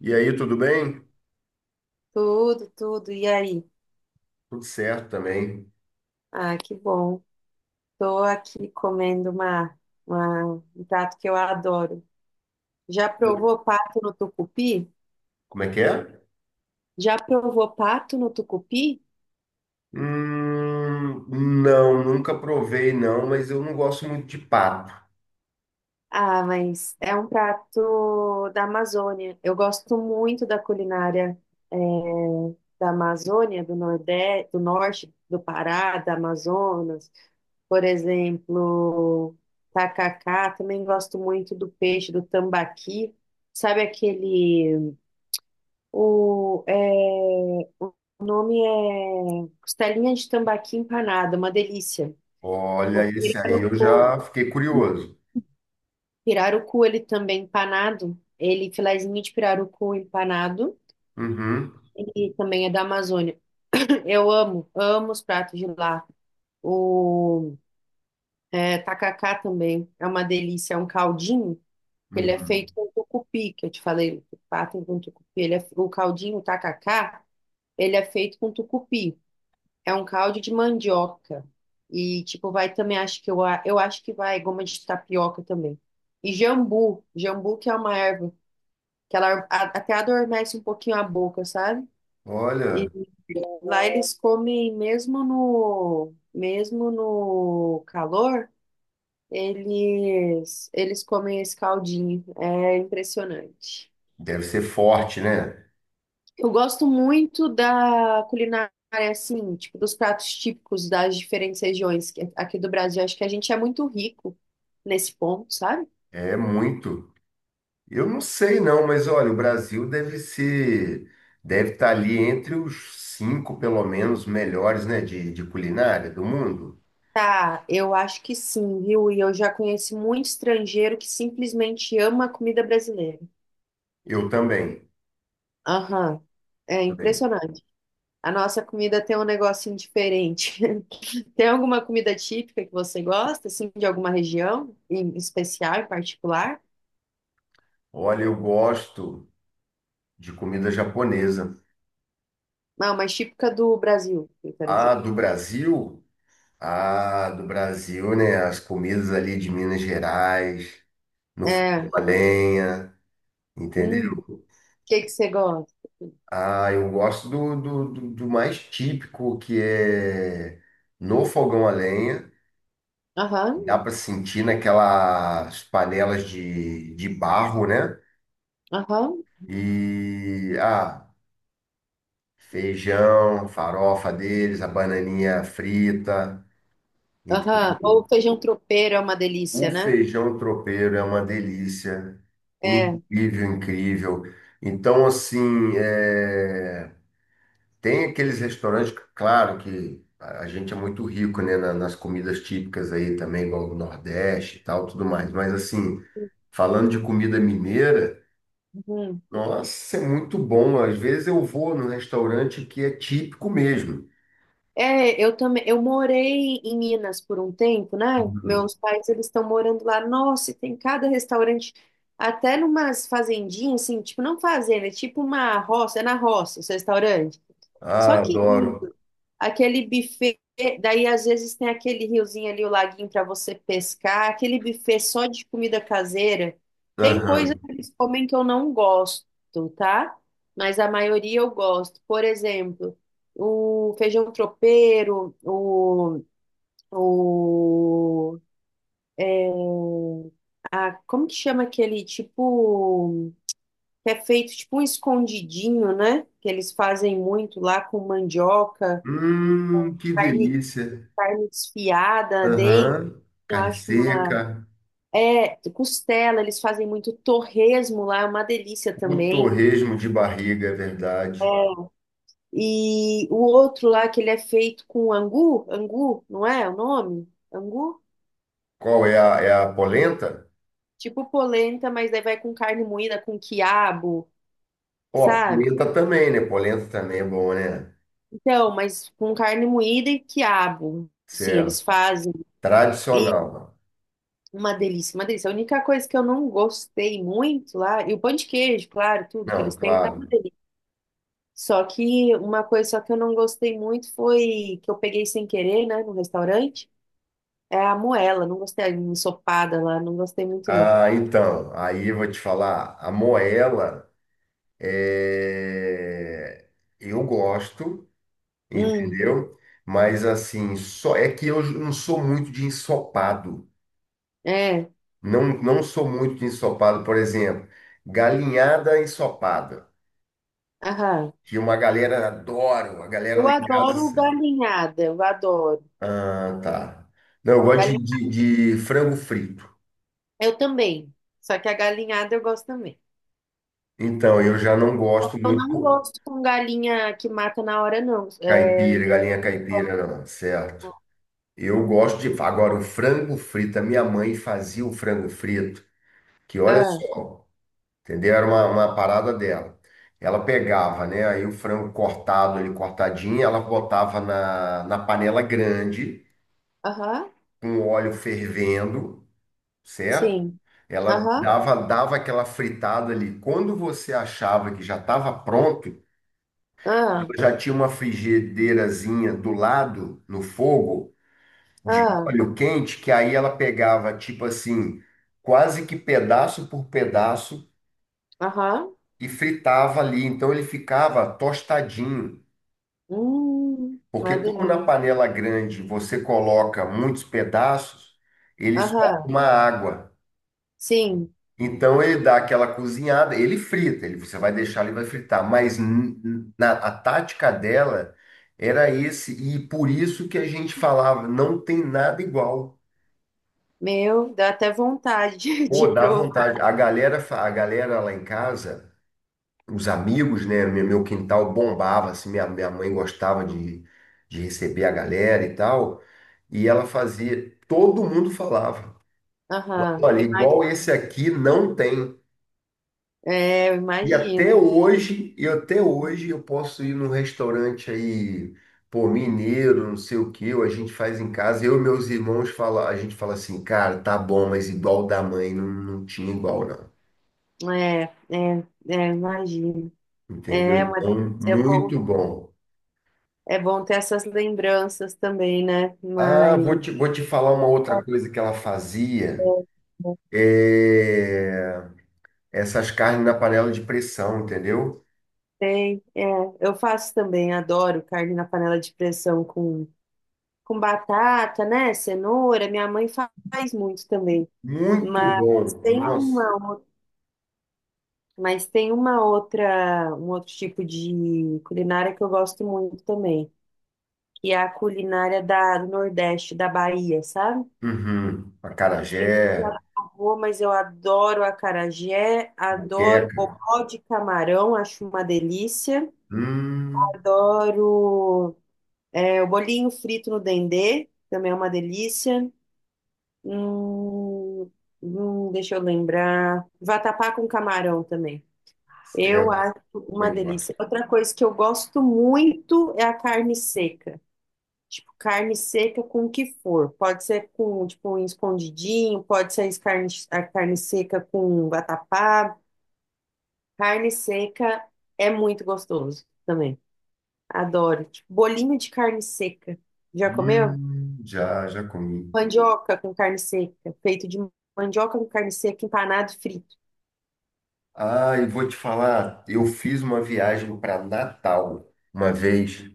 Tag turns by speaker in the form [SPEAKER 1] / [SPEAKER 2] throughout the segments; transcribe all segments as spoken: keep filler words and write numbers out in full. [SPEAKER 1] E aí, tudo bem?
[SPEAKER 2] Tudo, tudo. E aí?
[SPEAKER 1] Tudo certo também.
[SPEAKER 2] Ah, que bom. Tô aqui comendo uma, uma- um prato que eu adoro. Já provou pato no tucupi?
[SPEAKER 1] Como é que é?
[SPEAKER 2] Já provou pato no tucupi?
[SPEAKER 1] Hum, não, nunca provei não, mas eu não gosto muito de pato.
[SPEAKER 2] Ah, mas é um prato da Amazônia. Eu gosto muito da culinária, eh, da Amazônia, do Nordeste, do Norte, do Pará, da Amazonas. Por exemplo, tacacá, também gosto muito do peixe do tambaqui. Sabe aquele. O, é, o nome é costelinha de tambaqui empanada, uma delícia.
[SPEAKER 1] Olha,
[SPEAKER 2] O
[SPEAKER 1] esse aí eu
[SPEAKER 2] pirarucu,
[SPEAKER 1] já fiquei curioso.
[SPEAKER 2] pirarucu, ele também empanado, ele filezinho de pirarucu empanado,
[SPEAKER 1] Uhum,
[SPEAKER 2] e também é da Amazônia. Eu amo, amo os pratos de lá. O é, tacacá também é uma delícia, é um caldinho. Ele é
[SPEAKER 1] uhum.
[SPEAKER 2] feito com tucupi, que eu te falei, o pato com tucupi. Ele é, o caldinho, o tacacá, ele é feito com tucupi. É um caldo de mandioca. E, tipo, vai também, acho que eu, a- eu acho que vai goma de tapioca também. E jambu, jambu que é uma erva, que ela a- até adormece um pouquinho a boca, sabe?
[SPEAKER 1] Olha,
[SPEAKER 2] E lá eles comem mesmo no, mesmo no calor, eles, eles comem esse caldinho. É impressionante.
[SPEAKER 1] deve ser forte, né?
[SPEAKER 2] Eu gosto muito da culinária, assim, tipo, dos pratos típicos das diferentes regiões que- aqui do Brasil. Acho que a gente é muito rico nesse ponto, sabe?
[SPEAKER 1] É muito. Eu não sei não, mas olha, o Brasil deve ser, deve estar ali entre os cinco, pelo menos, melhores, né, de, de culinária do mundo.
[SPEAKER 2] Tá, eu acho que sim, viu? E eu já conheci muito estrangeiro que simplesmente ama a comida brasileira.
[SPEAKER 1] Eu também,
[SPEAKER 2] Aham. É
[SPEAKER 1] também.
[SPEAKER 2] impressionante. A nossa comida tem um negocinho diferente. Tem alguma comida típica que você gosta, assim, de alguma região em especial, em particular?
[SPEAKER 1] Olha, eu gosto. De comida japonesa.
[SPEAKER 2] Não, mas típica do Brasil, eu quero
[SPEAKER 1] A
[SPEAKER 2] dizer.
[SPEAKER 1] do Brasil, a do Brasil, né? As comidas ali de Minas Gerais, no fogão
[SPEAKER 2] É.
[SPEAKER 1] a lenha, entendeu?
[SPEAKER 2] Hum, o que que você gosta?
[SPEAKER 1] Ah, eu gosto do, do, do- do mais típico, que é no fogão a lenha.
[SPEAKER 2] Aham,
[SPEAKER 1] Dá para sentir naquelas panelas de, de barro, né?
[SPEAKER 2] aham,
[SPEAKER 1] E, ah, feijão, farofa deles, a bananinha frita,
[SPEAKER 2] aham. Ou
[SPEAKER 1] entendeu?
[SPEAKER 2] feijão tropeiro é uma
[SPEAKER 1] O
[SPEAKER 2] delícia, né?
[SPEAKER 1] feijão tropeiro é uma delícia,
[SPEAKER 2] É.
[SPEAKER 1] incrível, incrível. Então, assim, é, tem aqueles restaurantes, claro que a a gente é muito rico, né, na- nas comidas típicas aí também, igual o Nordeste e tal, tudo mais. Mas, assim, falando de comida mineira,
[SPEAKER 2] Uhum.
[SPEAKER 1] nossa, é muito bom. Às vezes eu vou num restaurante que é típico mesmo.
[SPEAKER 2] É, eu também, eu morei em Minas por um tempo, né?
[SPEAKER 1] Uhum.
[SPEAKER 2] Meus pais, eles estão morando lá. Nossa, e tem cada restaurante, até numas fazendinhas, assim, tipo, não fazenda, é tipo uma roça, é na roça, esse restaurante.
[SPEAKER 1] Ah,
[SPEAKER 2] Só que
[SPEAKER 1] adoro.
[SPEAKER 2] lindo. Aquele buffet, daí às vezes tem aquele riozinho ali, o laguinho para você pescar, aquele buffet só de comida caseira. Tem coisa
[SPEAKER 1] Aham.
[SPEAKER 2] que eles comem que eu não gosto, tá? Mas a maioria eu gosto. Por exemplo, o feijão tropeiro, o, o a, como que chama aquele tipo que é feito tipo um escondidinho, né? Que eles fazem muito lá com mandioca,
[SPEAKER 1] Hum, que
[SPEAKER 2] carne,
[SPEAKER 1] delícia.
[SPEAKER 2] carne desfiada, dei,
[SPEAKER 1] Aham.
[SPEAKER 2] eu
[SPEAKER 1] Carne
[SPEAKER 2] acho uma
[SPEAKER 1] seca.
[SPEAKER 2] é costela, eles fazem muito torresmo lá, é uma delícia
[SPEAKER 1] O
[SPEAKER 2] também.
[SPEAKER 1] torresmo de barriga, é
[SPEAKER 2] É.
[SPEAKER 1] verdade.
[SPEAKER 2] E o outro lá que ele é feito com angu, angu, não é o nome? Angu?
[SPEAKER 1] Qual é a, é a polenta?
[SPEAKER 2] Tipo polenta, mas daí vai com carne moída, com quiabo,
[SPEAKER 1] Ó, a
[SPEAKER 2] sabe?
[SPEAKER 1] polenta também, né? Polenta também é bom, né?
[SPEAKER 2] Então, mas com carne moída e quiabo. Sim, eles
[SPEAKER 1] Certo.
[SPEAKER 2] fazem. E
[SPEAKER 1] Tradicional.
[SPEAKER 2] uma delícia, uma delícia. A única coisa que eu não gostei muito lá, e o pão de queijo, claro, tudo que
[SPEAKER 1] Não,
[SPEAKER 2] eles têm lá é
[SPEAKER 1] claro.
[SPEAKER 2] uma delícia. Só que uma coisa só que eu não gostei muito foi que eu peguei sem querer, né, no restaurante, é a moela. Não gostei, a ensopada lá, não gostei muito, não.
[SPEAKER 1] Ah, então, aí eu vou te falar. A moela, é... eu gosto,
[SPEAKER 2] Hum,
[SPEAKER 1] entendeu? Mas assim, só é que eu não sou muito de ensopado.
[SPEAKER 2] é,
[SPEAKER 1] Não, não sou muito de ensopado, por exemplo, galinhada ensopada,
[SPEAKER 2] aham.
[SPEAKER 1] que uma galera adora, uma galera
[SPEAKER 2] Eu
[SPEAKER 1] lá em
[SPEAKER 2] adoro
[SPEAKER 1] casa.
[SPEAKER 2] galinhada, eu adoro.
[SPEAKER 1] Ah, tá. Não, eu gosto de, de, de frango frito.
[SPEAKER 2] Eu também. Só que a galinhada eu gosto também.
[SPEAKER 1] Então, eu já não gosto
[SPEAKER 2] Eu
[SPEAKER 1] muito
[SPEAKER 2] não
[SPEAKER 1] pô,
[SPEAKER 2] gosto com galinha que mata na hora, não. É...
[SPEAKER 1] caipira, galinha caipira, não, certo? Eu gosto de. Agora, o frango frito, a minha mãe fazia o frango frito, que olha
[SPEAKER 2] Ah,
[SPEAKER 1] só. Entendeu? Era uma, uma parada dela. Ela pegava, né? Aí o frango cortado, ele cortadinho, ela botava na, na panela grande,
[SPEAKER 2] aham,
[SPEAKER 1] com o óleo fervendo, certo?
[SPEAKER 2] sim.
[SPEAKER 1] Ela
[SPEAKER 2] Aham,
[SPEAKER 1] dava, dava aquela fritada ali. Quando você achava que já estava pronto,
[SPEAKER 2] ah,
[SPEAKER 1] ela já tinha uma frigideirazinha do lado, no fogo, de
[SPEAKER 2] ah,
[SPEAKER 1] óleo quente, que aí ela pegava, tipo assim, quase que pedaço por pedaço
[SPEAKER 2] aham.
[SPEAKER 1] e fritava ali. Então ele ficava tostadinho,
[SPEAKER 2] Hum,
[SPEAKER 1] porque
[SPEAKER 2] uma
[SPEAKER 1] como
[SPEAKER 2] delícia.
[SPEAKER 1] na panela grande você coloca muitos pedaços, ele solta
[SPEAKER 2] Aham,
[SPEAKER 1] uma água.
[SPEAKER 2] sim.
[SPEAKER 1] Então ele dá aquela cozinhada, ele frita, ele, você vai deixar ele vai fritar, mas n- n- na, a tática dela era esse, e por isso que a gente falava, não tem nada igual.
[SPEAKER 2] Meu, dá até vontade
[SPEAKER 1] Pô,
[SPEAKER 2] de
[SPEAKER 1] dá
[SPEAKER 2] provar.
[SPEAKER 1] vontade. A galera, fa- a galera lá em casa os amigos, né? Meu, meu quintal bombava, assim, minha, minha mãe gostava de, de receber a galera e tal. E ela fazia, todo mundo falava,
[SPEAKER 2] Aham,
[SPEAKER 1] olha,
[SPEAKER 2] imag-
[SPEAKER 1] igual esse aqui não tem.
[SPEAKER 2] é, eu
[SPEAKER 1] E até
[SPEAKER 2] imagino.
[SPEAKER 1] hoje, e até hoje eu posso ir num restaurante aí, pô, mineiro, não sei o que, ou a gente faz em casa, eu e meus irmãos fala, a gente fala assim, cara, tá bom, mas igual da mãe não, não tinha igual, não.
[SPEAKER 2] É, é, é, imagino.
[SPEAKER 1] Entendeu?
[SPEAKER 2] É uma
[SPEAKER 1] Então,
[SPEAKER 2] delícia. É bom,
[SPEAKER 1] muito bom.
[SPEAKER 2] é bom ter essas lembranças também, né?
[SPEAKER 1] Ah,
[SPEAKER 2] Mas.
[SPEAKER 1] vou te, vou te falar uma outra coisa que ela
[SPEAKER 2] É,
[SPEAKER 1] fazia.
[SPEAKER 2] é.
[SPEAKER 1] É, essas carnes na panela de pressão, entendeu?
[SPEAKER 2] Tem, é, eu faço também, adoro carne na panela de pressão com, com batata, né? Cenoura, minha mãe fa- faz muito também.
[SPEAKER 1] Muito
[SPEAKER 2] Mas
[SPEAKER 1] bom.
[SPEAKER 2] tem
[SPEAKER 1] Nossa.
[SPEAKER 2] uma, ou- mas tem uma outra, um outro tipo de culinária que eu gosto muito também, que é a culinária da, do Nordeste, da Bahia, sabe?
[SPEAKER 1] Uhum.
[SPEAKER 2] Não
[SPEAKER 1] Acarajé,
[SPEAKER 2] sei se você já provou, mas eu adoro acarajé, adoro
[SPEAKER 1] moqueca.
[SPEAKER 2] bobó de camarão, acho uma delícia.
[SPEAKER 1] Hum,
[SPEAKER 2] Adoro. É, o bolinho frito no dendê também é uma delícia. Hum, hum, deixa eu lembrar. Vatapá com camarão também.
[SPEAKER 1] é,
[SPEAKER 2] Eu
[SPEAKER 1] eu
[SPEAKER 2] acho uma
[SPEAKER 1] também gosto.
[SPEAKER 2] delícia. Outra coisa que eu gosto muito é a carne seca. Tipo, carne seca com o que for. Pode ser com, tipo, um escondidinho, pode ser as carne, a carne seca com vatapá. Carne seca é muito gostoso também. Adoro. Tipo, bolinho de carne seca. Já comeu?
[SPEAKER 1] Hum, já, já comi.
[SPEAKER 2] Mandioca com carne seca, feito de mandioca com carne seca, empanado e frito.
[SPEAKER 1] Ah, e vou te falar, eu fiz uma viagem para Natal uma vez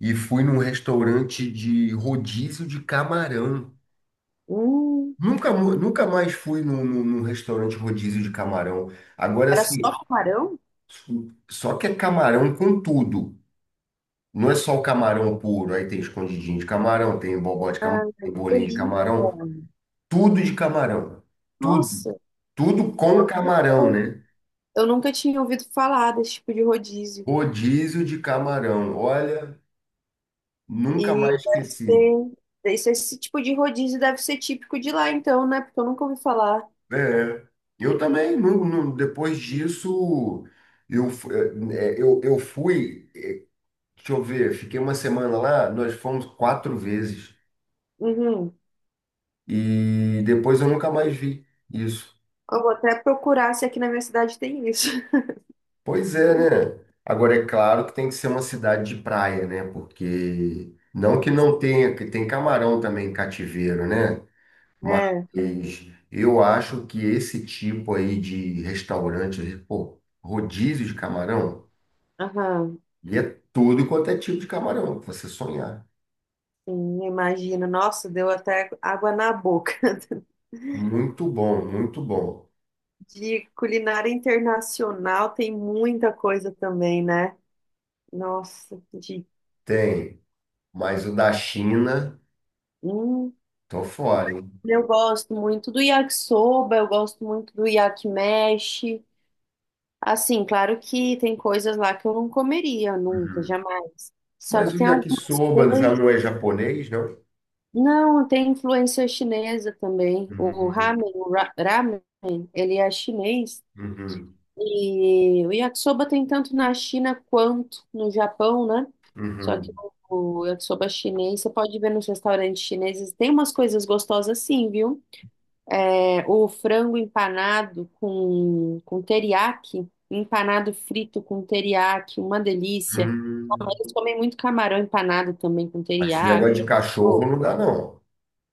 [SPEAKER 1] e fui num restaurante de rodízio de camarão.
[SPEAKER 2] Hum,
[SPEAKER 1] Nunca, mu- nunca mais fui num, num- num restaurante rodízio de camarão. Agora,
[SPEAKER 2] era só
[SPEAKER 1] assim,
[SPEAKER 2] camarão?
[SPEAKER 1] só que é camarão com tudo. Não é só o camarão puro. Aí tem escondidinho de camarão, tem bobó de
[SPEAKER 2] Ah,
[SPEAKER 1] camarão,
[SPEAKER 2] que
[SPEAKER 1] tem bolinho de
[SPEAKER 2] delícia.
[SPEAKER 1] camarão. Tudo de camarão. Tudo.
[SPEAKER 2] Nossa,
[SPEAKER 1] Tudo com camarão, né?
[SPEAKER 2] eu nunca tinha ouvido falar desse tipo de rodízio.
[SPEAKER 1] Rodízio de camarão. Olha, nunca
[SPEAKER 2] E
[SPEAKER 1] mais
[SPEAKER 2] deve
[SPEAKER 1] esqueci.
[SPEAKER 2] ser, esse, esse tipo de rodízio deve ser típico de lá, então, né? Porque eu nunca ouvi falar.
[SPEAKER 1] É. Eu também, nu- nu- depois disso, eu, fu- é, eu, eu fui. Deixa eu ver, fiquei uma semana lá, nós fomos quatro vezes
[SPEAKER 2] Uhum.
[SPEAKER 1] e depois eu nunca mais vi isso.
[SPEAKER 2] Eu vou até procurar se aqui na minha cidade tem isso.
[SPEAKER 1] Pois é, né? Agora é claro que tem que ser uma cidade de praia, né? Porque não que não tenha, que tem camarão também em cativeiro, né? Mas
[SPEAKER 2] É,
[SPEAKER 1] eu acho que esse tipo aí de restaurante, pô, rodízio de camarão,
[SPEAKER 2] aham.
[SPEAKER 1] e é tudo quanto é tipo de camarão, pra você sonhar.
[SPEAKER 2] Sim, imagino. Nossa, deu até água na boca.
[SPEAKER 1] Muito bom, muito bom.
[SPEAKER 2] De culinária internacional tem muita coisa também, né? Nossa, de.
[SPEAKER 1] Tem, mas o da China.
[SPEAKER 2] Hum,
[SPEAKER 1] Tô fora, hein?
[SPEAKER 2] eu gosto muito do yakisoba, eu gosto muito do yakimeshi. Assim, claro que tem coisas lá que eu não comeria nunca,
[SPEAKER 1] Uhum.
[SPEAKER 2] jamais. Só
[SPEAKER 1] Mas
[SPEAKER 2] que
[SPEAKER 1] o
[SPEAKER 2] tem algumas
[SPEAKER 1] yakisoba já
[SPEAKER 2] coisas.
[SPEAKER 1] não é japonês, não?
[SPEAKER 2] Não, tem influência chinesa também. O
[SPEAKER 1] Uhum,
[SPEAKER 2] ramen, o ra- ramen, ele é chinês.
[SPEAKER 1] uhum,
[SPEAKER 2] E o yakisoba tem tanto na China quanto no Japão, né? Só que
[SPEAKER 1] uhum,
[SPEAKER 2] o o yakisoba chinês, você pode ver nos restaurantes chineses, tem umas coisas gostosas sim, viu? É, o frango empanado com, com teriyaki, empanado frito com teriyaki, uma delícia. Mas
[SPEAKER 1] uhum.
[SPEAKER 2] eles comem muito camarão empanado também com
[SPEAKER 1] Mas esse
[SPEAKER 2] teriyaki.
[SPEAKER 1] negócio de cachorro
[SPEAKER 2] Pô.
[SPEAKER 1] não dá, não.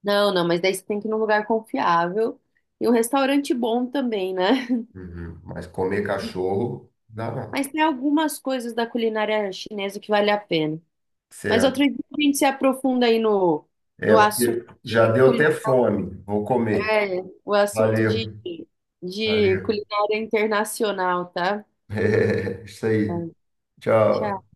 [SPEAKER 2] Não, não, mas daí você tem que ir num lugar confiável e um restaurante bom também, né?
[SPEAKER 1] Uhum. Mas comer cachorro dá, não.
[SPEAKER 2] Mas tem algumas coisas da culinária chinesa que vale a pena. Mas outro
[SPEAKER 1] Certo.
[SPEAKER 2] dia a gente se aprofunda aí no, no
[SPEAKER 1] É
[SPEAKER 2] assunto
[SPEAKER 1] porque já
[SPEAKER 2] de
[SPEAKER 1] deu até
[SPEAKER 2] culinária,
[SPEAKER 1] fome. Vou comer.
[SPEAKER 2] é, o assunto de,
[SPEAKER 1] Valeu,
[SPEAKER 2] de
[SPEAKER 1] valeu.
[SPEAKER 2] culinária internacional, tá?
[SPEAKER 1] É, isso aí.
[SPEAKER 2] Tchau.
[SPEAKER 1] Tchau.